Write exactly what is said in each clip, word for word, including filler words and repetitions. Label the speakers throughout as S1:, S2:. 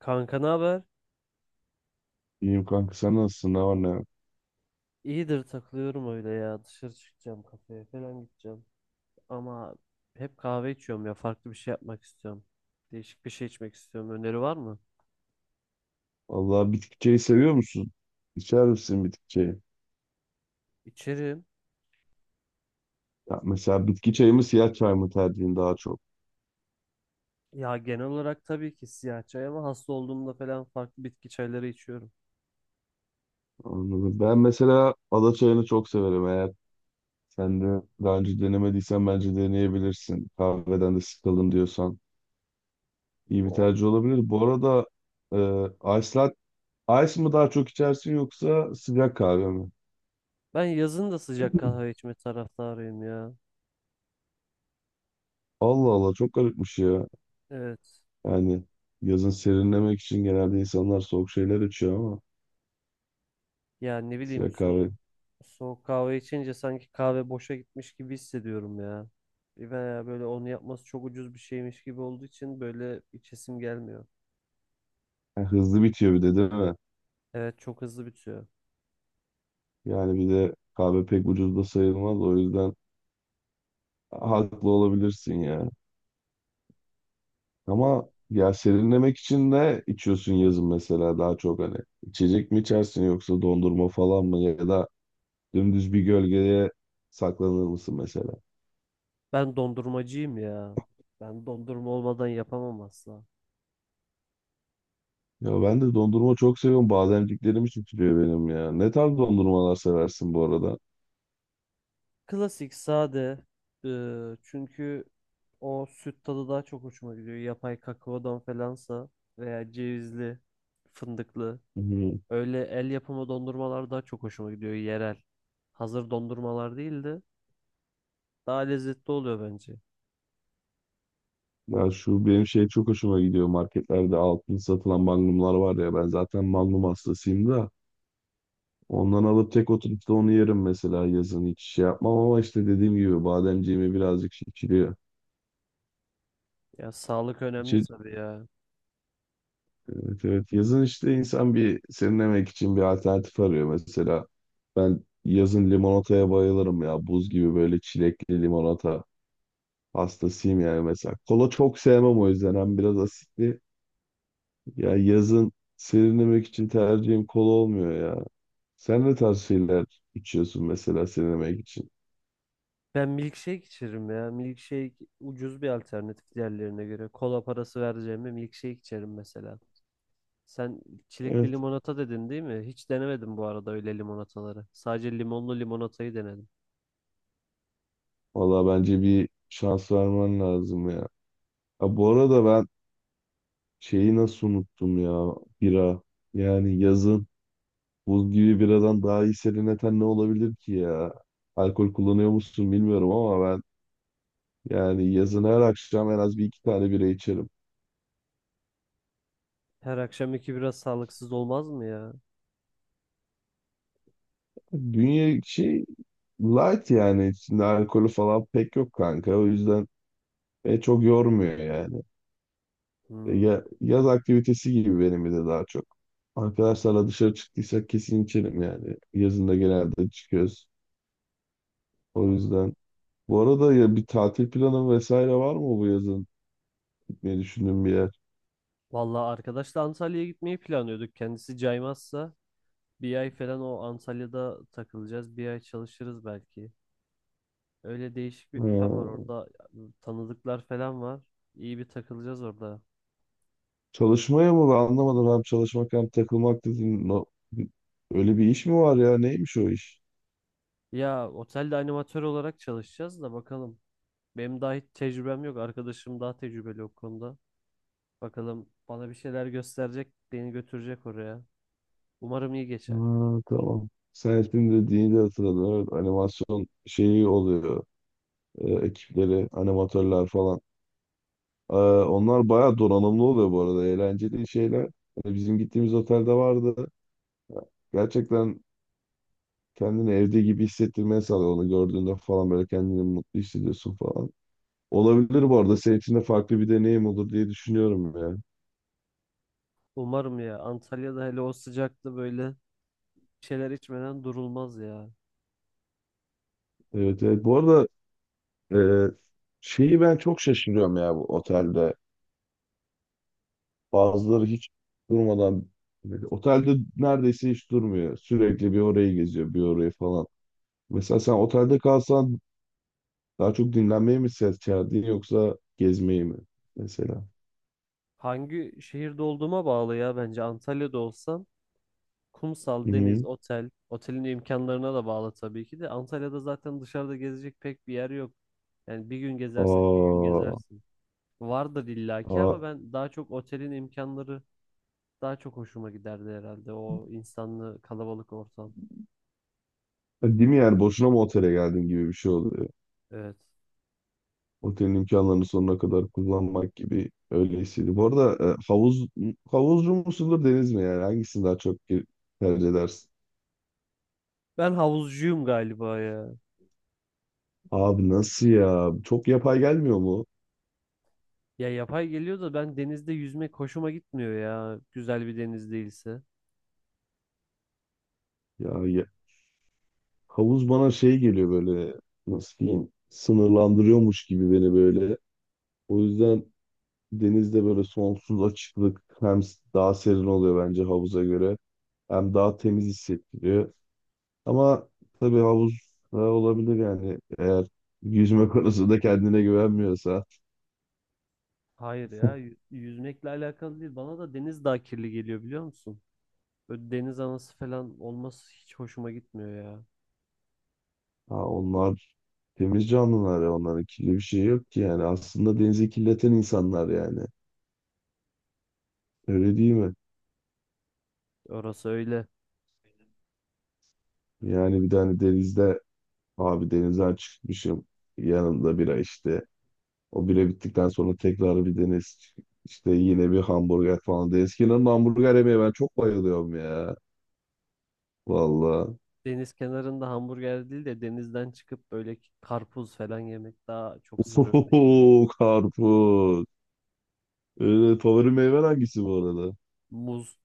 S1: Kanka ne haber?
S2: İyiyim kanka, sen nasılsın? Ne var ne yok?
S1: İyidir takılıyorum öyle ya. Dışarı çıkacağım kafeye falan gideceğim. Ama hep kahve içiyorum ya. Farklı bir şey yapmak istiyorum. Değişik bir şey içmek istiyorum. Öneri var mı?
S2: Vallahi bitki çayı seviyor musun? İçer misin bitki çayı?
S1: İçerim.
S2: Ya mesela bitki çayı mı siyah çay mı tercihin daha çok?
S1: Ya genel olarak tabii ki siyah çay ama hasta olduğumda falan farklı bitki çayları içiyorum.
S2: Anladım. Ben mesela ada çayını çok severim. Eğer sen de daha önce denemediysen bence deneyebilirsin. Kahveden de sıkıldın diyorsan iyi bir
S1: O-
S2: tercih olabilir. Bu arada e, ice lat- ice mı daha çok içersin yoksa sıcak kahve mi?
S1: Ben yazın da sıcak kahve içme taraftarıyım ya.
S2: Allah Allah, çok garipmiş ya.
S1: Evet.
S2: Yani yazın serinlemek için genelde insanlar soğuk şeyler içiyor ama.
S1: Ya ne bileyim
S2: Sıra
S1: su-
S2: kahve.
S1: Soğuk kahve içince sanki kahve boşa gitmiş gibi hissediyorum ya. Veya böyle onu yapması çok ucuz bir şeymiş gibi olduğu için böyle içesim gelmiyor.
S2: Ha, hızlı bitiyor bir de değil mi?
S1: Evet çok hızlı bitiyor.
S2: Yani bir de kahve pek ucuz da sayılmaz. O yüzden haklı olabilirsin ya.
S1: Bu-
S2: Ama ya serinlemek için de içiyorsun yazın mesela, daha çok hani. İçecek mi içersin yoksa dondurma falan mı, ya da dümdüz bir gölgeye saklanır mısın mesela?
S1: Ben dondurmacıyım ya. Ben dondurma olmadan yapamam asla.
S2: Ya ben de dondurma çok seviyorum. Bademciklerim için tutuyor benim ya. Ne tarz dondurmalar seversin bu arada?
S1: Klasik sade. e, Çünkü o süt tadı daha çok hoşuma gidiyor. Yapay kakaodan falansa veya cevizli, fındıklı.
S2: Hı.
S1: Öyle el yapımı dondurmalar daha çok hoşuma gidiyor yerel. Hazır dondurmalar değildi. Daha lezzetli oluyor bence.
S2: Ya şu benim şey çok hoşuma gidiyor. Marketlerde altın satılan magnumlar var ya. Ben zaten magnum hastasıyım da. Ondan alıp tek oturup da onu yerim mesela yazın. Hiç şey yapmam ama işte dediğim gibi bademciğimi birazcık şişiriyor.
S1: Ya sağlık önemli
S2: İçi-
S1: tabii ya.
S2: Evet, evet. Yazın işte insan bir serinlemek için bir alternatif arıyor. Mesela ben yazın limonataya bayılırım ya. Buz gibi böyle çilekli limonata hastasıyım yani mesela. Kola çok sevmem, o yüzden. Hem biraz asitli. Ya yazın serinlemek için tercihim kola olmuyor ya. Sen ne tarz şeyler içiyorsun mesela sinemek için?
S1: Ben milkshake içerim ya. Milkshake ucuz bir alternatif diğerlerine göre. Kola parası vereceğime milkshake içerim mesela. Sen çilekli
S2: Evet.
S1: limonata dedin değil mi? Hiç denemedim bu arada öyle limonataları. Sadece limonlu limonatayı denedim.
S2: Valla bence bir şans vermen lazım ya. Ha, bu arada ben şeyi nasıl unuttum ya? Bira. Yani yazın buz gibi biradan daha iyi serinleten ne olabilir ki ya? Alkol kullanıyor musun bilmiyorum ama ben, yani yazın her akşam en az bir iki tane bira içerim.
S1: Her akşam iki biraz sağlıksız olmaz mı ya?
S2: Dünya şey, light yani, içinde alkolü falan pek yok kanka. O yüzden e, çok yormuyor yani. E,
S1: Hmm,
S2: Ya, yaz aktivitesi gibi benim de daha çok. Arkadaşlarla dışarı çıktıysak kesin içerim yani. Yazında genelde çıkıyoruz. O
S1: anladım.
S2: yüzden. Bu arada ya, bir tatil planı vesaire var mı, bu yazın gitmeyi düşündüğün bir yer?
S1: Vallahi arkadaşla Antalya'ya gitmeyi planlıyorduk. Kendisi caymazsa bir ay falan o Antalya'da takılacağız. Bir ay çalışırız belki. Öyle değişik bir plan var
S2: Ha,
S1: orada, tanıdıklar falan var. İyi bir takılacağız orada.
S2: çalışmaya mı? Ben anlamadım. Hem çalışmak hem takılmak dedin. No- Öyle bir iş mi var ya? Neymiş o iş?
S1: Ya otelde animatör olarak çalışacağız da bakalım. Benim daha hiç tecrübem yok. Arkadaşım daha tecrübeli o konuda. Bakalım bana bir şeyler gösterecek, beni götürecek oraya. Umarım iyi
S2: Ha,
S1: geçer.
S2: tamam. Sen ismini dediğini de hatırladım. Evet, animasyon şeyi oluyor. Ee, ekipleri, animatörler falan. Ee, onlar bayağı donanımlı oluyor bu arada. Eğlenceli şeyler. Hani bizim gittiğimiz otelde vardı. Gerçekten kendini evde gibi hissettirmeye sağlıyor. Onu gördüğünde falan böyle kendini mutlu hissediyorsun falan. Olabilir bu arada. Senin için de farklı bir deneyim olur diye düşünüyorum ya.
S1: Umarım ya. Antalya'da hele o sıcakta böyle bir şeyler içmeden durulmaz ya.
S2: Evet, evet. Bu arada e, şeyi ben çok şaşırıyorum ya bu otelde. Bazıları hiç durmadan otelde neredeyse hiç durmuyor. Sürekli bir orayı geziyor, bir orayı falan. Mesela sen otelde kalsan daha çok dinlenmeye mi ses çağırdın yoksa gezmeyi mi mesela?
S1: Hangi şehirde olduğuma bağlı ya bence. Antalya'da olsam kumsal,
S2: Hı
S1: deniz,
S2: hı.
S1: otel. Otelin imkanlarına da bağlı tabii ki de. Antalya'da zaten dışarıda gezecek pek bir yer yok. Yani bir gün gezersin, iki gün
S2: Aa,
S1: gezersin. Vardır illaki
S2: aa.
S1: ama ben daha çok otelin imkanları daha çok hoşuma giderdi herhalde. O insanlı kalabalık ortam.
S2: Değil mi yani, boşuna mı otele geldin gibi bir şey oluyor.
S1: Evet.
S2: Otelin imkanlarını sonuna kadar kullanmak gibi öyle hissediyorum. Bu arada e, havuz havuzcu musundur deniz mi, yani hangisini daha çok ge- tercih edersin?
S1: Ben havuzcuyum galiba ya.
S2: Abi nasıl ya? Çok yapay gelmiyor mu?
S1: Ya yapay geliyor da ben denizde yüzmek hoşuma gitmiyor ya. Güzel bir deniz değilse.
S2: Ya, ya- havuz bana şey geliyor böyle, nasıl diyeyim, sınırlandırıyormuş gibi beni böyle. O yüzden denizde böyle sonsuz açıklık, hem daha serin oluyor bence havuza göre, hem daha temiz hissettiriyor. Ama tabii havuz da olabilir yani, eğer yüzme konusunda kendine güvenmiyorsa.
S1: Hayır ya, yü- yüzmekle alakalı değil. Bana da deniz daha kirli geliyor biliyor musun? Böyle deniz anası falan olması hiç hoşuma gitmiyor ya.
S2: Ha, onlar temiz canlılar ya, onların kirli bir şey yok ki yani. Aslında denizi kirleten insanlar yani, öyle değil mi?
S1: Orası öyle.
S2: Yani bir tane denizde, abi denizden çıkmışım, yanımda bira işte. O bile bittikten sonra tekrar bir deniz. İşte yine bir hamburger falan. Eskiden hamburger yemeye ben çok bayılıyorum ya. Valla.
S1: Deniz kenarında hamburger değil de denizden çıkıp böyle karpuz falan yemek daha çok sarıyor
S2: Ohohoho,
S1: bence.
S2: karpuz. Öyle, favori meyven hangisi bu arada?
S1: Muz.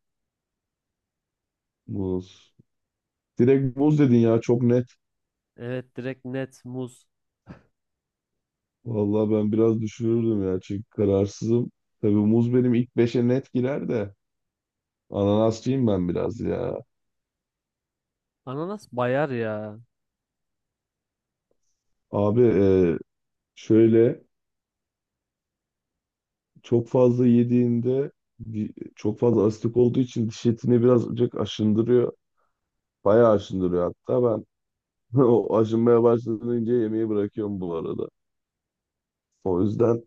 S2: Muz. Direkt muz dedin ya, çok net.
S1: Evet direkt net muz.
S2: Valla ben biraz düşünürdüm ya, çünkü kararsızım. Tabii muz benim ilk beşe net girer de. Ananasçıyım ben biraz ya.
S1: Ananas bayar ya.
S2: Abi e, şöyle çok fazla yediğinde, di- çok fazla asitik olduğu için diş etini birazcık aşındırıyor. Bayağı aşındırıyor hatta, ben o aşınmaya başlayınca yemeği bırakıyorum bu arada. O yüzden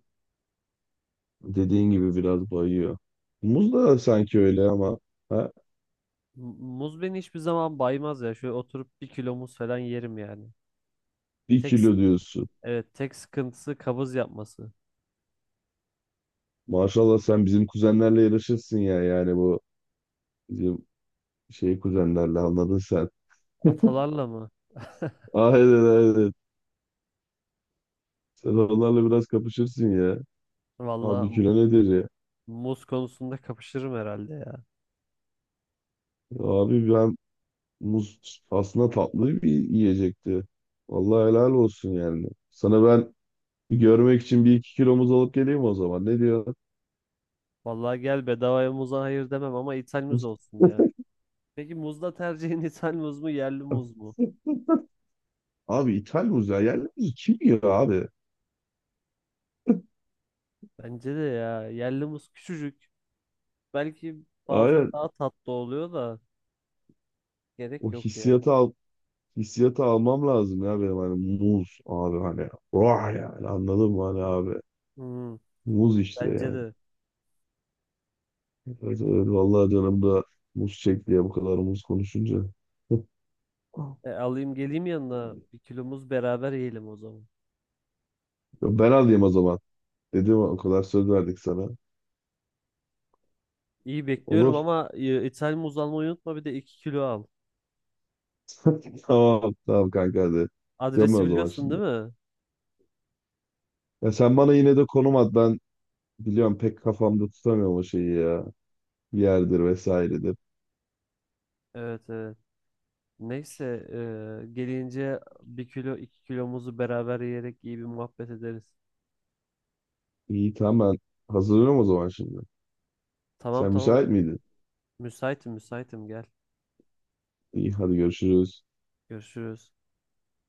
S2: dediğin gibi biraz bayıyor. Muz da sanki öyle ama, ha?
S1: M- Muz beni hiçbir zaman baymaz ya. Şöyle oturup bir kilo muz falan yerim yani.
S2: Bir
S1: Tek, s-
S2: kilo diyorsun.
S1: evet tek sıkıntısı kabız yapması.
S2: Maşallah sen bizim kuzenlerle yarışırsın ya, yani bu bizim şey kuzenlerle, anladın sen.
S1: Atalarla mı?
S2: Aynen, aynen. Sen onlarla biraz kapışırsın ya. Abi
S1: Vallahi
S2: kilo nedir ya?
S1: muz konusunda kapışırım herhalde ya.
S2: Abi ben muz aslında tatlı bir yiyecekti. Vallahi helal olsun yani. Sana ben görmek için bir iki kilo muz alıp geleyim o zaman. Ne diyor?
S1: Vallahi gel bedavaya muza hayır demem ama ithal muz olsun ya. Peki muzda tercihin ithal muz mu yerli muz mu?
S2: Abi ithal muz ya. Yerli muz kim yiyor abi?
S1: Bence de ya yerli muz küçücük. Belki bazen
S2: Aynen,
S1: daha tatlı oluyor da gerek
S2: o
S1: yok ya.
S2: hissiyatı al, hissiyatı almam lazım ya benim, hani muz abi, hani vah yani, anladın mı, hani abi
S1: Hmm,
S2: muz işte
S1: bence
S2: yani.
S1: de.
S2: Evet, evet, vallahi canım da muz çekti ya bu kadar muz konuşunca.
S1: E, alayım geleyim yanına bir kilo muz beraber yiyelim o zaman.
S2: Ben alayım o zaman dedim, o kadar söz verdik sana.
S1: İyi bekliyorum
S2: Olur.
S1: ama e, ithal muz almayı unutma bir de iki kilo al.
S2: Tamam. Tamam kanka, hadi. Yapıyorum
S1: Adresi
S2: o zaman
S1: biliyorsun değil
S2: şimdi.
S1: mi?
S2: Ya sen bana yine de konum at. Ben biliyorum, pek kafamda tutamıyorum o şeyi ya. Yerdir vesairedir.
S1: Evet evet. Neyse e, gelince bir kilo iki kilo muzu beraber yiyerek iyi bir muhabbet ederiz.
S2: İyi tamam, ben hazırlıyorum o zaman şimdi.
S1: Tamam
S2: Sen müsait
S1: tamam.
S2: miydin?
S1: Müsaitim müsaitim gel.
S2: İyi, hadi görüşürüz.
S1: Görüşürüz.